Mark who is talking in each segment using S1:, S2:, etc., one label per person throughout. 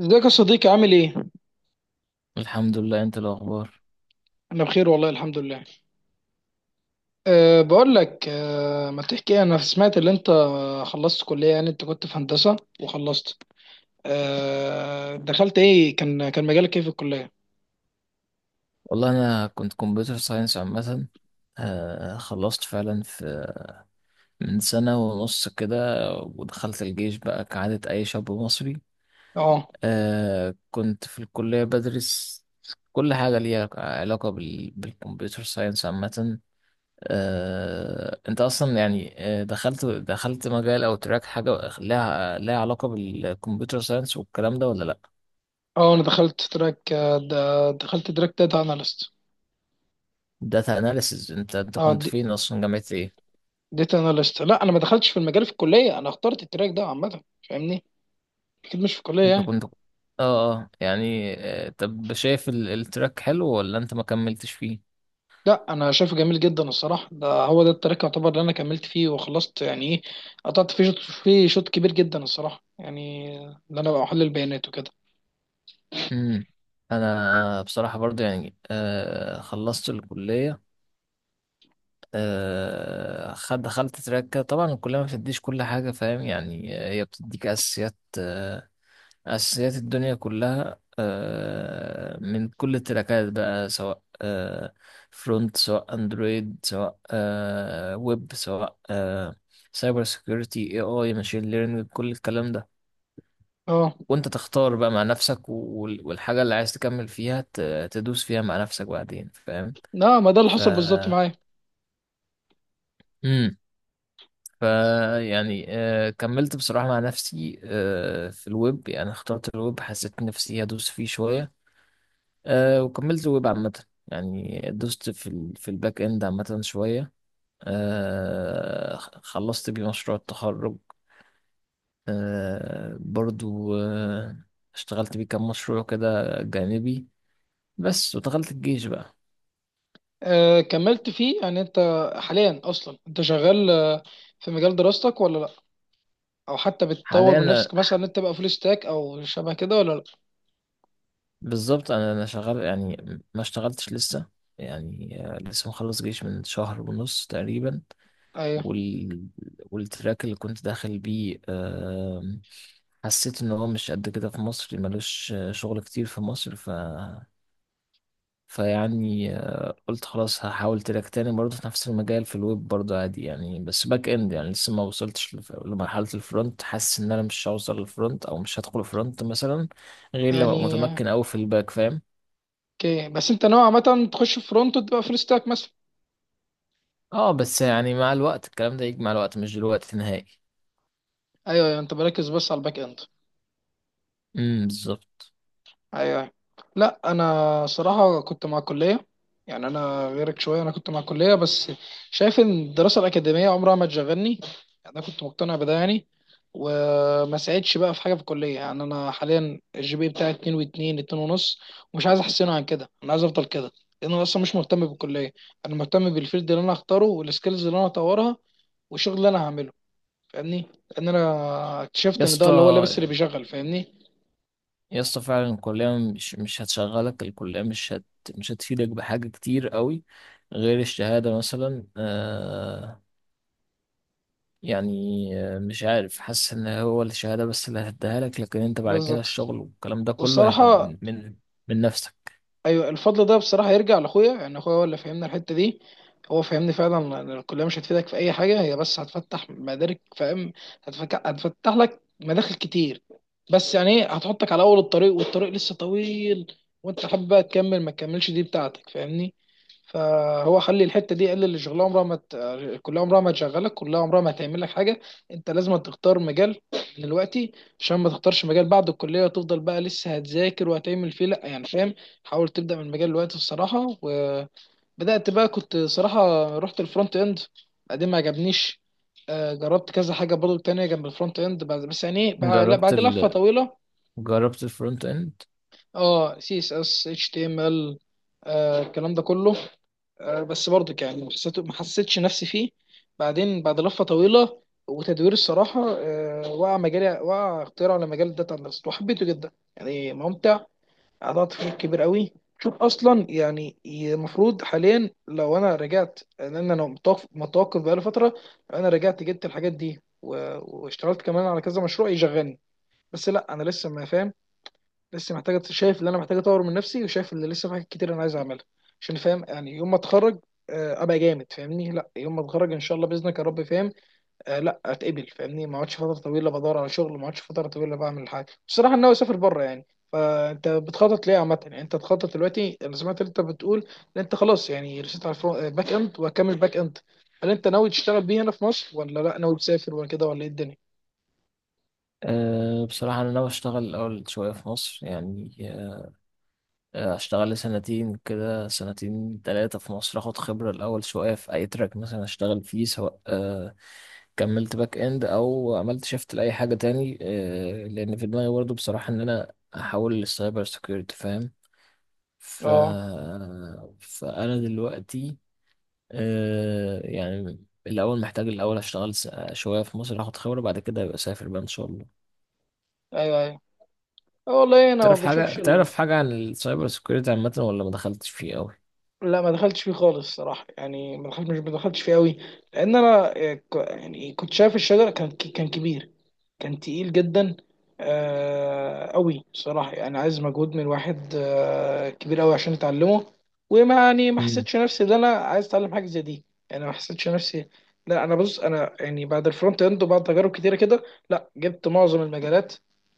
S1: ازيك يا صديقي عامل ايه؟
S2: الحمد لله، انت إيه الاخبار؟
S1: انا بخير والله الحمد لله. بقول لك ما تحكي انا سمعت ان انت خلصت كلية، يعني انت كنت في هندسة وخلصت. أه دخلت ايه؟ كان مجالك ايه في الكلية؟
S2: والله انا كنت كمبيوتر ساينس عامه. خلصت فعلا في من سنه ونص كده، ودخلت الجيش بقى كعاده اي شاب مصري.
S1: اه
S2: كنت في الكليه بدرس كل حاجه ليها علاقه بالكمبيوتر ساينس عامه. انت اصلا يعني، دخلت مجال او تراك، حاجه لها علاقه بالكمبيوتر ساينس والكلام ده ولا لا؟
S1: اه انا دخلت تراك، دخلت تراك داتا اناليست.
S2: داتا اناليسز، انت
S1: اه
S2: كنت فين اصلا؟ جامعه ايه؟
S1: داتا اناليست. لا انا ما دخلتش في المجال في الكلية، انا اخترت التراك ده عامة. فاهمني؟ اكيد مش في الكلية
S2: انت
S1: يعني.
S2: كنت، اه يعني، طب شايف التراك حلو ولا انت ما كملتش فيه؟
S1: لا انا شايفه جميل جدا الصراحه، ده هو ده التراك يعتبر اللي انا كملت فيه وخلصت، يعني ايه قطعت فيه شوط، فيه شوط كبير جدا الصراحه، يعني ان انا بقى احلل البيانات وكده.
S2: امم انا بصراحة برضو يعني خلصت الكلية. آه خد دخلت تراك كده. طبعا الكلية ما بتديش كل حاجة، فاهم؟ يعني هي بتديك اساسيات، أساسيات الدنيا كلها، من كل التراكات بقى، سواء فرونت، سواء اندرويد، سواء ويب، سواء سايبر سيكيورتي، اي ماشين ليرنينج، كل الكلام ده.
S1: اه
S2: وانت تختار بقى مع نفسك والحاجة اللي عايز تكمل فيها، تدوس فيها مع نفسك بعدين، فاهم؟
S1: لا، ما ده اللي
S2: ف
S1: حصل بالظبط معايا.
S2: امم ف يعني، كملت بصراحة مع نفسي، في الويب. يعني اخترت الويب، حسيت نفسي هدوس فيه شوية. وكملت ويب عامة. يعني دوست في الباك اند عامة شوية. خلصت بيه مشروع التخرج. برضو. اشتغلت بيه كام مشروع كده جانبي بس، ودخلت الجيش بقى.
S1: آه كملت فيه يعني انت حاليا اصلا انت شغال، في مجال دراستك ولا لا؟ او حتى بتطور
S2: حاليا
S1: من
S2: أنا-
S1: نفسك مثلا ان انت تبقى فول ستاك او شبه كده ولا لا؟
S2: بالظبط، انا شغال يعني. ما اشتغلتش لسه. يعني لسه مخلص جيش من شهر ونص تقريبا.
S1: ايوه
S2: وال... والتراك اللي كنت داخل بيه، حسيت ان هو مش قد كده في مصر، ملوش شغل كتير في مصر. فيعني قلت خلاص هحاول تراك تاني برضه في نفس المجال، في الويب برضه عادي يعني، بس باك اند يعني. لسه ما وصلتش لمرحلة الفرونت. حاسس ان انا مش هوصل للفرونت، او مش هدخل فرونت مثلا، غير لما ابقى
S1: يعني
S2: متمكن اوي في الباك، فاهم؟
S1: اوكي، بس انت نوعا ما تخش فرونت وتبقى فول ستاك مثلا.
S2: اه، بس يعني مع الوقت الكلام ده يجي، مع الوقت مش دلوقتي نهائي.
S1: ايوه أيوة، انت بركز بس على الباك اند.
S2: امم، بالظبط.
S1: ايوه. لا انا صراحه كنت مع الكليه، يعني انا غيرك شويه، انا كنت مع الكليه. بس شايف ان الدراسه الاكاديميه عمرها ما تشغلني، يعني انا كنت مقتنع بده يعني، وما ساعدش بقى في حاجه في الكليه. يعني انا حاليا الجي بي بتاعي 2 و2 2 ونص، ومش عايز احسنه عن كده، انا عايز افضل كده، لان انا اصلا مش مهتم بالكليه. انا مهتم بالفيلد اللي انا هختاره، والسكيلز اللي انا هطورها، والشغل اللي انا هعمله. فاهمني؟ لان انا
S2: يا
S1: اكتشفت ان ده اللي هو اللبس اللي
S2: اسطى
S1: بيشغل. فاهمني؟
S2: يا اسطى فعلا الكلية مش هتشغلك. الكلية مش هتفيدك بحاجة كتير قوي، غير الشهادة مثلا. يعني، مش عارف، حاسس ان هو الشهادة بس اللي هتديها لك. لكن انت بعد كده
S1: بالظبط.
S2: الشغل والكلام ده كله هيبقى
S1: والصراحه
S2: من نفسك.
S1: ايوه، الفضل ده بصراحه يرجع لاخويا. يعني اخويا هو اللي فهمنا الحته دي. هو فهمني فعلا إن الكليه مش هتفيدك في اي حاجه، هي بس هتفتح مدارك، فاهم؟ هتفتح لك مداخل كتير. بس يعني ايه، هتحطك على اول الطريق والطريق لسه طويل، وانت حابب بقى تكمل ما تكملش، دي بتاعتك. فاهمني؟ فهو خلي الحته دي، قال اللي شغلها عمرها ما ت... كلها عمرها ما تشغلك، كلها عمرها ما هتعمل لك حاجه. انت لازم تختار مجال دلوقتي، عشان ما تختارش مجال بعد الكليه وتفضل بقى لسه هتذاكر وهتعمل فيه، لا يعني. فاهم؟ حاول تبدا من مجال دلوقتي الصراحه. وبدات بقى، كنت صراحه رحت الفرونت اند، بعدين ما عجبنيش. جربت كذا حاجه برضو تانية جنب الفرونت اند بعد- بس يعني إيه، بع- لا،
S2: جربت
S1: بعد لفه
S2: ال
S1: طويله.
S2: جربت الفرونت اند.
S1: اه سي اس اس اتش تي ام ال، الكلام ده كله، بس برضك يعني ما حسيتش نفسي فيه. بعدين بعد لفة طويلة وتدوير الصراحة، وقع اختيار على مجال الداتا اناليست وحبيته جدا، يعني ممتع، قطعت فيه كبير قوي. شوف اصلا، يعني المفروض حاليا لو انا رجعت، لان انا متوقف بقالي فترة، لو انا رجعت جبت الحاجات دي و- واشتغلت كمان على كذا مشروع يشغلني. بس لا، انا لسه ما فاهم، لسه محتاجة. شايف اللي أنا محتاج أطور من نفسي، وشايف اللي لسه في حاجات كتير أنا عايز أعملها، عشان فاهم يعني يوم ما أتخرج، أبقى جامد. فاهمني؟ لا، يوم ما أتخرج إن شاء الله بإذنك يا رب، فاهم؟ لا أتقبل. فاهمني؟ ما أقعدش فترة طويلة بدور على شغل، ما أقعدش فترة طويلة بعمل حاجة. بصراحة أنا ناوي أسافر بره يعني. فأنت بتخطط ليه عامة؟ يعني أنت تخطط دلوقتي، أنا سمعت إن أنت بتقول إن أنت خلاص يعني رسيت على باك إند، وهكمل باك إند. هل أنت ناوي تشتغل بيه هنا في مصر، ولا لا ناوي تسافر، ولا كده، ولا إيه الدنيا؟
S2: بصراحة انا ناوي اشتغل الاول شوية في مصر يعني. اشتغل لي سنتين كده، سنتين تلاتة في مصر، اخد خبرة الاول شوية في اي تراك مثلا اشتغل فيه، سواء كملت باك اند او عملت شيفت لاي حاجة تاني. لان في دماغي برضه بصراحة ان انا احول للسايبر سيكيورتي، فاهم؟ ف...
S1: أه.
S2: فانا دلوقتي يعني الاول محتاج، الاول اشتغل شوية في مصر، اخد خبرة، بعد كده ابقى اسافر بقى ان شاء الله.
S1: أيوه أيوه. والله أنا ما
S2: تعرف حاجة
S1: بشوفش.
S2: تعرف حاجة عن السايبر سيكيورتي عامة، ولا ما دخلتش فيه قوي؟
S1: لا ما دخلتش فيه خالص الصراحه، يعني ما دخلتش فيه قوي، لان انا يعني كنت شايف الشجره كان كبير، كان تقيل جدا، آه قوي صراحة، يعني عايز مجهود من واحد آه كبير قوي عشان اتعلمه. وما يعني ما حسيتش نفسي ان انا عايز اتعلم حاجة زي دي، يعني ما حسيتش نفسي. لا انا بص، انا يعني بعد الفرونت اند وبعد تجارب كتيرة كده، لا جبت معظم المجالات،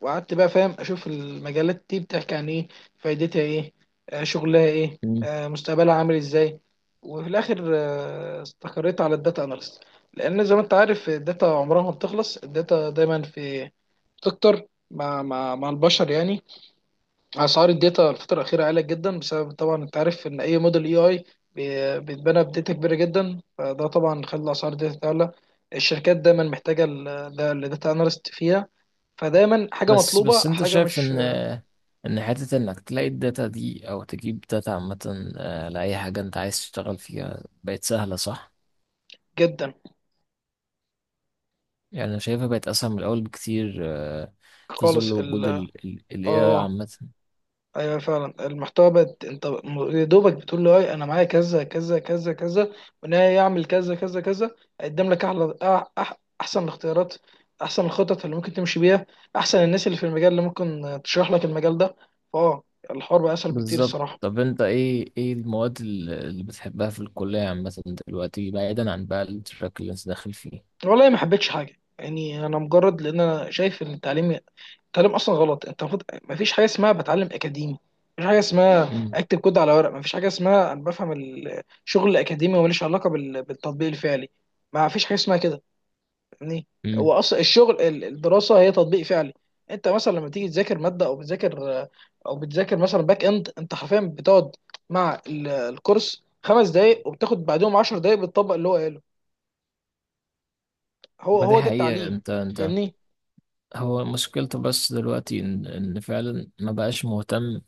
S1: وقعدت بقى فاهم اشوف المجالات دي بتحكي عن ايه، فايدتها ايه، آه شغلها ايه،
S2: مم.
S1: آه مستقبلها عامل ازاي. وفي الاخر استقريت على الداتا اناليست، لان زي ما انت عارف الداتا عمرها ما بتخلص، الداتا دايما في، بتكتر مع مع البشر يعني. اسعار الداتا الفتره الاخيره عاليه جدا، بسبب طبعا انت عارف ان اي موديل، اي بيتبنى بداتا كبيره جدا، فده طبعا خلى اسعار الداتا تعلى. الشركات دايما محتاجه ال- ده الداتا اناليست فيها، فدايما حاجه
S2: بس
S1: مطلوبه،
S2: بس انت
S1: حاجه
S2: شايف
S1: مش.
S2: ان حتة انك تلاقي الداتا دي او تجيب داتا عامة، لأي حاجة انت عايز تشتغل فيها، بقت سهلة صح؟
S1: جدا.
S2: يعني انا شايفها بقت اسهل من الاول بكتير، في ظل
S1: خالص ال.
S2: وجود ال AI
S1: اه
S2: عامة.
S1: ايوه فعلا، المحتوى بقت، انت م- يا دوبك بتقول له اي انا معايا كذا كذا كذا كذا، وان هي يعمل كذا كذا كذا، هيقدم لك احلى أح أح احسن الاختيارات، احسن الخطط اللي ممكن تمشي بيها، احسن الناس اللي في المجال اللي ممكن تشرح لك المجال ده. فاه. الحوار بقى اسهل بكتير
S2: بالظبط.
S1: الصراحه.
S2: طب انت ايه المواد اللي بتحبها في الكلية عامة دلوقتي، بعيدا عن بقى التراك اللي انت داخل فيه؟
S1: والله ما حبيتش حاجه، يعني انا مجرد، لان انا شايف ان التعليم، التعليم اصلا غلط. انت المفروض، ما فيش حاجه اسمها بتعلم اكاديمي، مفيش حاجه اسمها
S2: امم.
S1: اكتب كود على ورق، مفيش حاجه اسمها انا بفهم الشغل الاكاديمي وماليش علاقه بال- بالتطبيق الفعلي. ما فيش حاجه اسمها كده يعني. هو
S2: امم.
S1: اصلا الشغل ال- الدراسه هي تطبيق فعلي. انت مثلا لما تيجي تذاكر ماده، او بتذاكر مثلا باك اند، انت حرفيا بتقعد مع ال- الكورس خمس دقايق، وبتاخد بعدهم عشر دقايق بتطبق اللي هو قاله. هو
S2: ما دي
S1: هو ده
S2: حقيقة.
S1: التعليم.
S2: انت
S1: فاهمني؟
S2: هو مشكلته بس دلوقتي إن فعلا ما بقاش مهتم،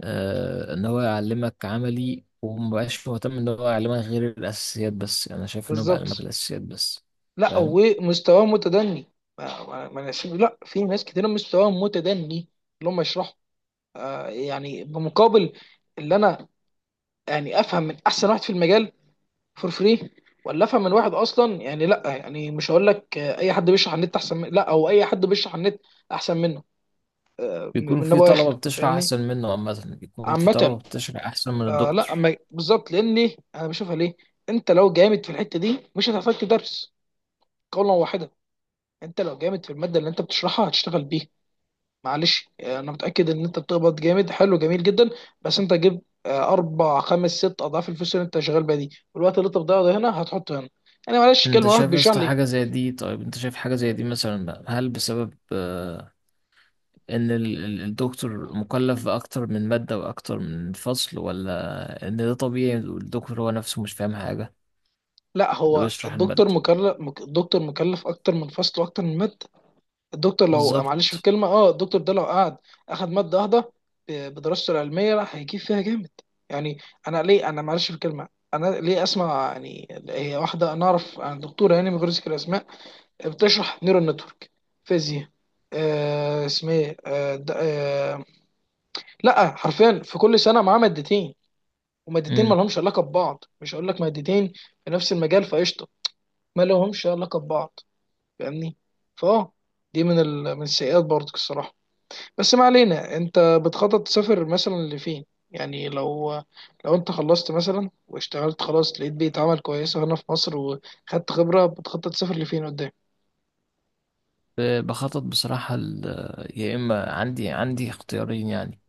S2: إن هو يعلمك عملي. وما بقاش مهتم إن هو يعلمك غير الأساسيات بس. يعني أنا شايف إنه بيعلمك
S1: بالظبط.
S2: الأساسيات بس.
S1: لا
S2: فاهم.
S1: ومستواه متدني. ما ما- ما ناس- لا في ناس كتير مستواها متدني، اللي هم يشرحوا، آه يعني بمقابل، اللي انا يعني افهم من احسن واحد في المجال فور فري، ولا افهم من واحد اصلا، يعني لا يعني مش هقول لك، اي حد بيشرح على النت احسن من، لا، او اي حد بيشرح على النت احسن منه،
S2: بيكون
S1: من
S2: في
S1: ابو
S2: طلبة
S1: اخر.
S2: بتشرح
S1: فاهمني؟
S2: أحسن منه عامة، بيكون في
S1: عامه.
S2: طلبة بتشرح أحسن من
S1: آه لا
S2: الدكتور.
S1: أما- بالظبط. لان ليه؟ انا بشوفها ليه، انت لو جامد في الحته دي مش هتحتاج تدرس، قولا واحدا. انت لو جامد في الماده اللي انت بتشرحها هتشتغل بيها. معلش انا متاكد ان انت بتقبض جامد، حلو جميل جدا، بس انت جيب اربع خمس ست اضعاف الفلوس اللي انت شغال بيها دي، والوقت اللي انت بتضيعه ده هنا هتحطه هنا. انا معلش
S2: أنت
S1: كلمه، واحد
S2: شايف يا
S1: بيشرح
S2: اسطى
S1: لي.
S2: حاجة زي دي؟ طيب أنت شايف حاجة زي دي مثلا هل بسبب إن الدكتور مكلف بأكتر من مادة وأكتر من فصل، ولا إن ده طبيعي والدكتور هو نفسه مش فاهم حاجة
S1: لا
S2: اللي
S1: هو
S2: بيشرح
S1: الدكتور
S2: المادة؟
S1: الدكتور مكلف اكتر من فصل واكتر من ماده. الدكتور لو معلش في
S2: بالظبط.
S1: الكلمه، اه الدكتور ده لو قعد اخد ماده واحده بدراسته العلميه، راح هيجيب فيها جامد يعني. انا ليه؟ انا معلش في الكلمه، انا ليه اسمع؟ يعني هي واحده، انا اعرف عن دكتوره يعني من غير ذكر اسماء، بتشرح نيورال نتورك، فيزياء، آه اسمها ايه لا حرفيا، في كل سنه معاه مادتين، ومادتين ما
S2: امم.
S1: لهمش علاقه ببعض. مش هقول لك مادتين في نفس المجال فقشطه، ما لهمش علاقه ببعض. فاهمني؟ فاه. دي من ال... من السيئات برضك الصراحه. بس ما علينا، انت بتخطط تسافر مثلا لفين؟ يعني لو، لو انت خلصت مثلا واشتغلت خلاص، لقيت بيئة عمل كويسه هنا في مصر وخدت خبره، بتخطط تسافر لفين قدام؟
S2: بخطط بصراحة. يا إما عندي اختيارين يعني.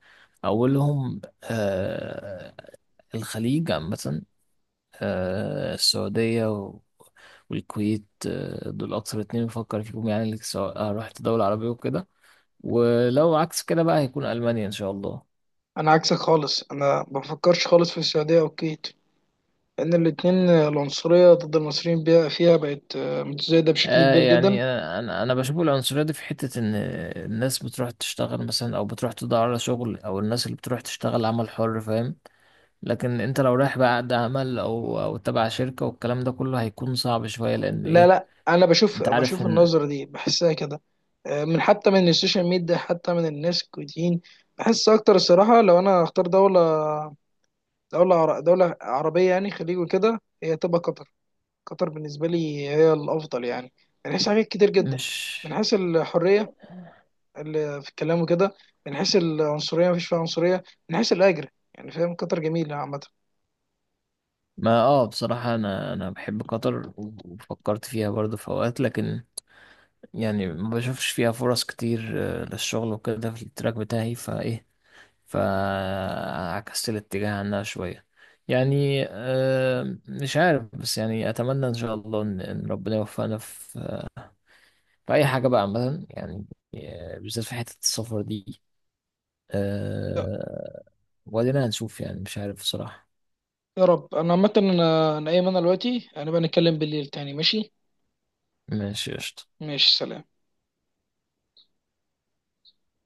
S2: أولهم الخليج عامة، السعودية والكويت، دول أكثر اتنين بفكر فيهم يعني، سواء رحت دولة عربية وكده. ولو عكس كده بقى هيكون ألمانيا إن شاء الله.
S1: انا عكسك خالص، انا ما بفكرش خالص في السعوديه او الكويت، لان الاتنين العنصريه ضد المصريين فيها بقت متزايده بشكل كبير جدا.
S2: يعني أنا بشوف العنصرية دي في حتة إن الناس بتروح تشتغل مثلا، أو بتروح تدور على شغل، أو الناس اللي بتروح تشتغل عمل حر، فاهم؟ لكن انت لو رايح بقى عقد عمل او تبع شركة والكلام ده كله، هيكون صعب شوية لان
S1: لا
S2: ايه،
S1: لا انا بشوف
S2: انت عارف
S1: بشوف
S2: ان
S1: النظره دي، بحسها كده من، حتى من السوشيال ميديا، حتى من الناس الكويتيين بحس اكتر الصراحه. لو انا هختار دوله، دوله عربيه يعني خليج وكده، هي تبقى قطر. قطر بالنسبه لي هي الافضل يعني، من حيث حاجات كتير جدا،
S2: مش.
S1: من حيث الحريه ال- في الكلام وكده، من حيث العنصريه مفيش فيها عنصريه، من حيث الاجر، يعني فاهم كتر جميله عامه.
S2: ما اه بصراحة انا بحب قطر وفكرت فيها برضه في اوقات، لكن يعني ما بشوفش فيها فرص كتير، للشغل وكده في التراك بتاعي فايه. فعكست الاتجاه عنها شوية. يعني مش عارف. بس يعني اتمنى ان شاء الله إن ربنا يوفقنا في في اي حاجة بقى عامة يعني، بالذات في حتة السفر دي. أه... وبعدين هنشوف، يعني مش عارف بصراحة.
S1: يا رب. انا عامه انا ايمن، دلوقتي انا بقى نتكلم بالليل تاني، ماشي؟
S2: ماشي، قشطة.
S1: ماشي سلام.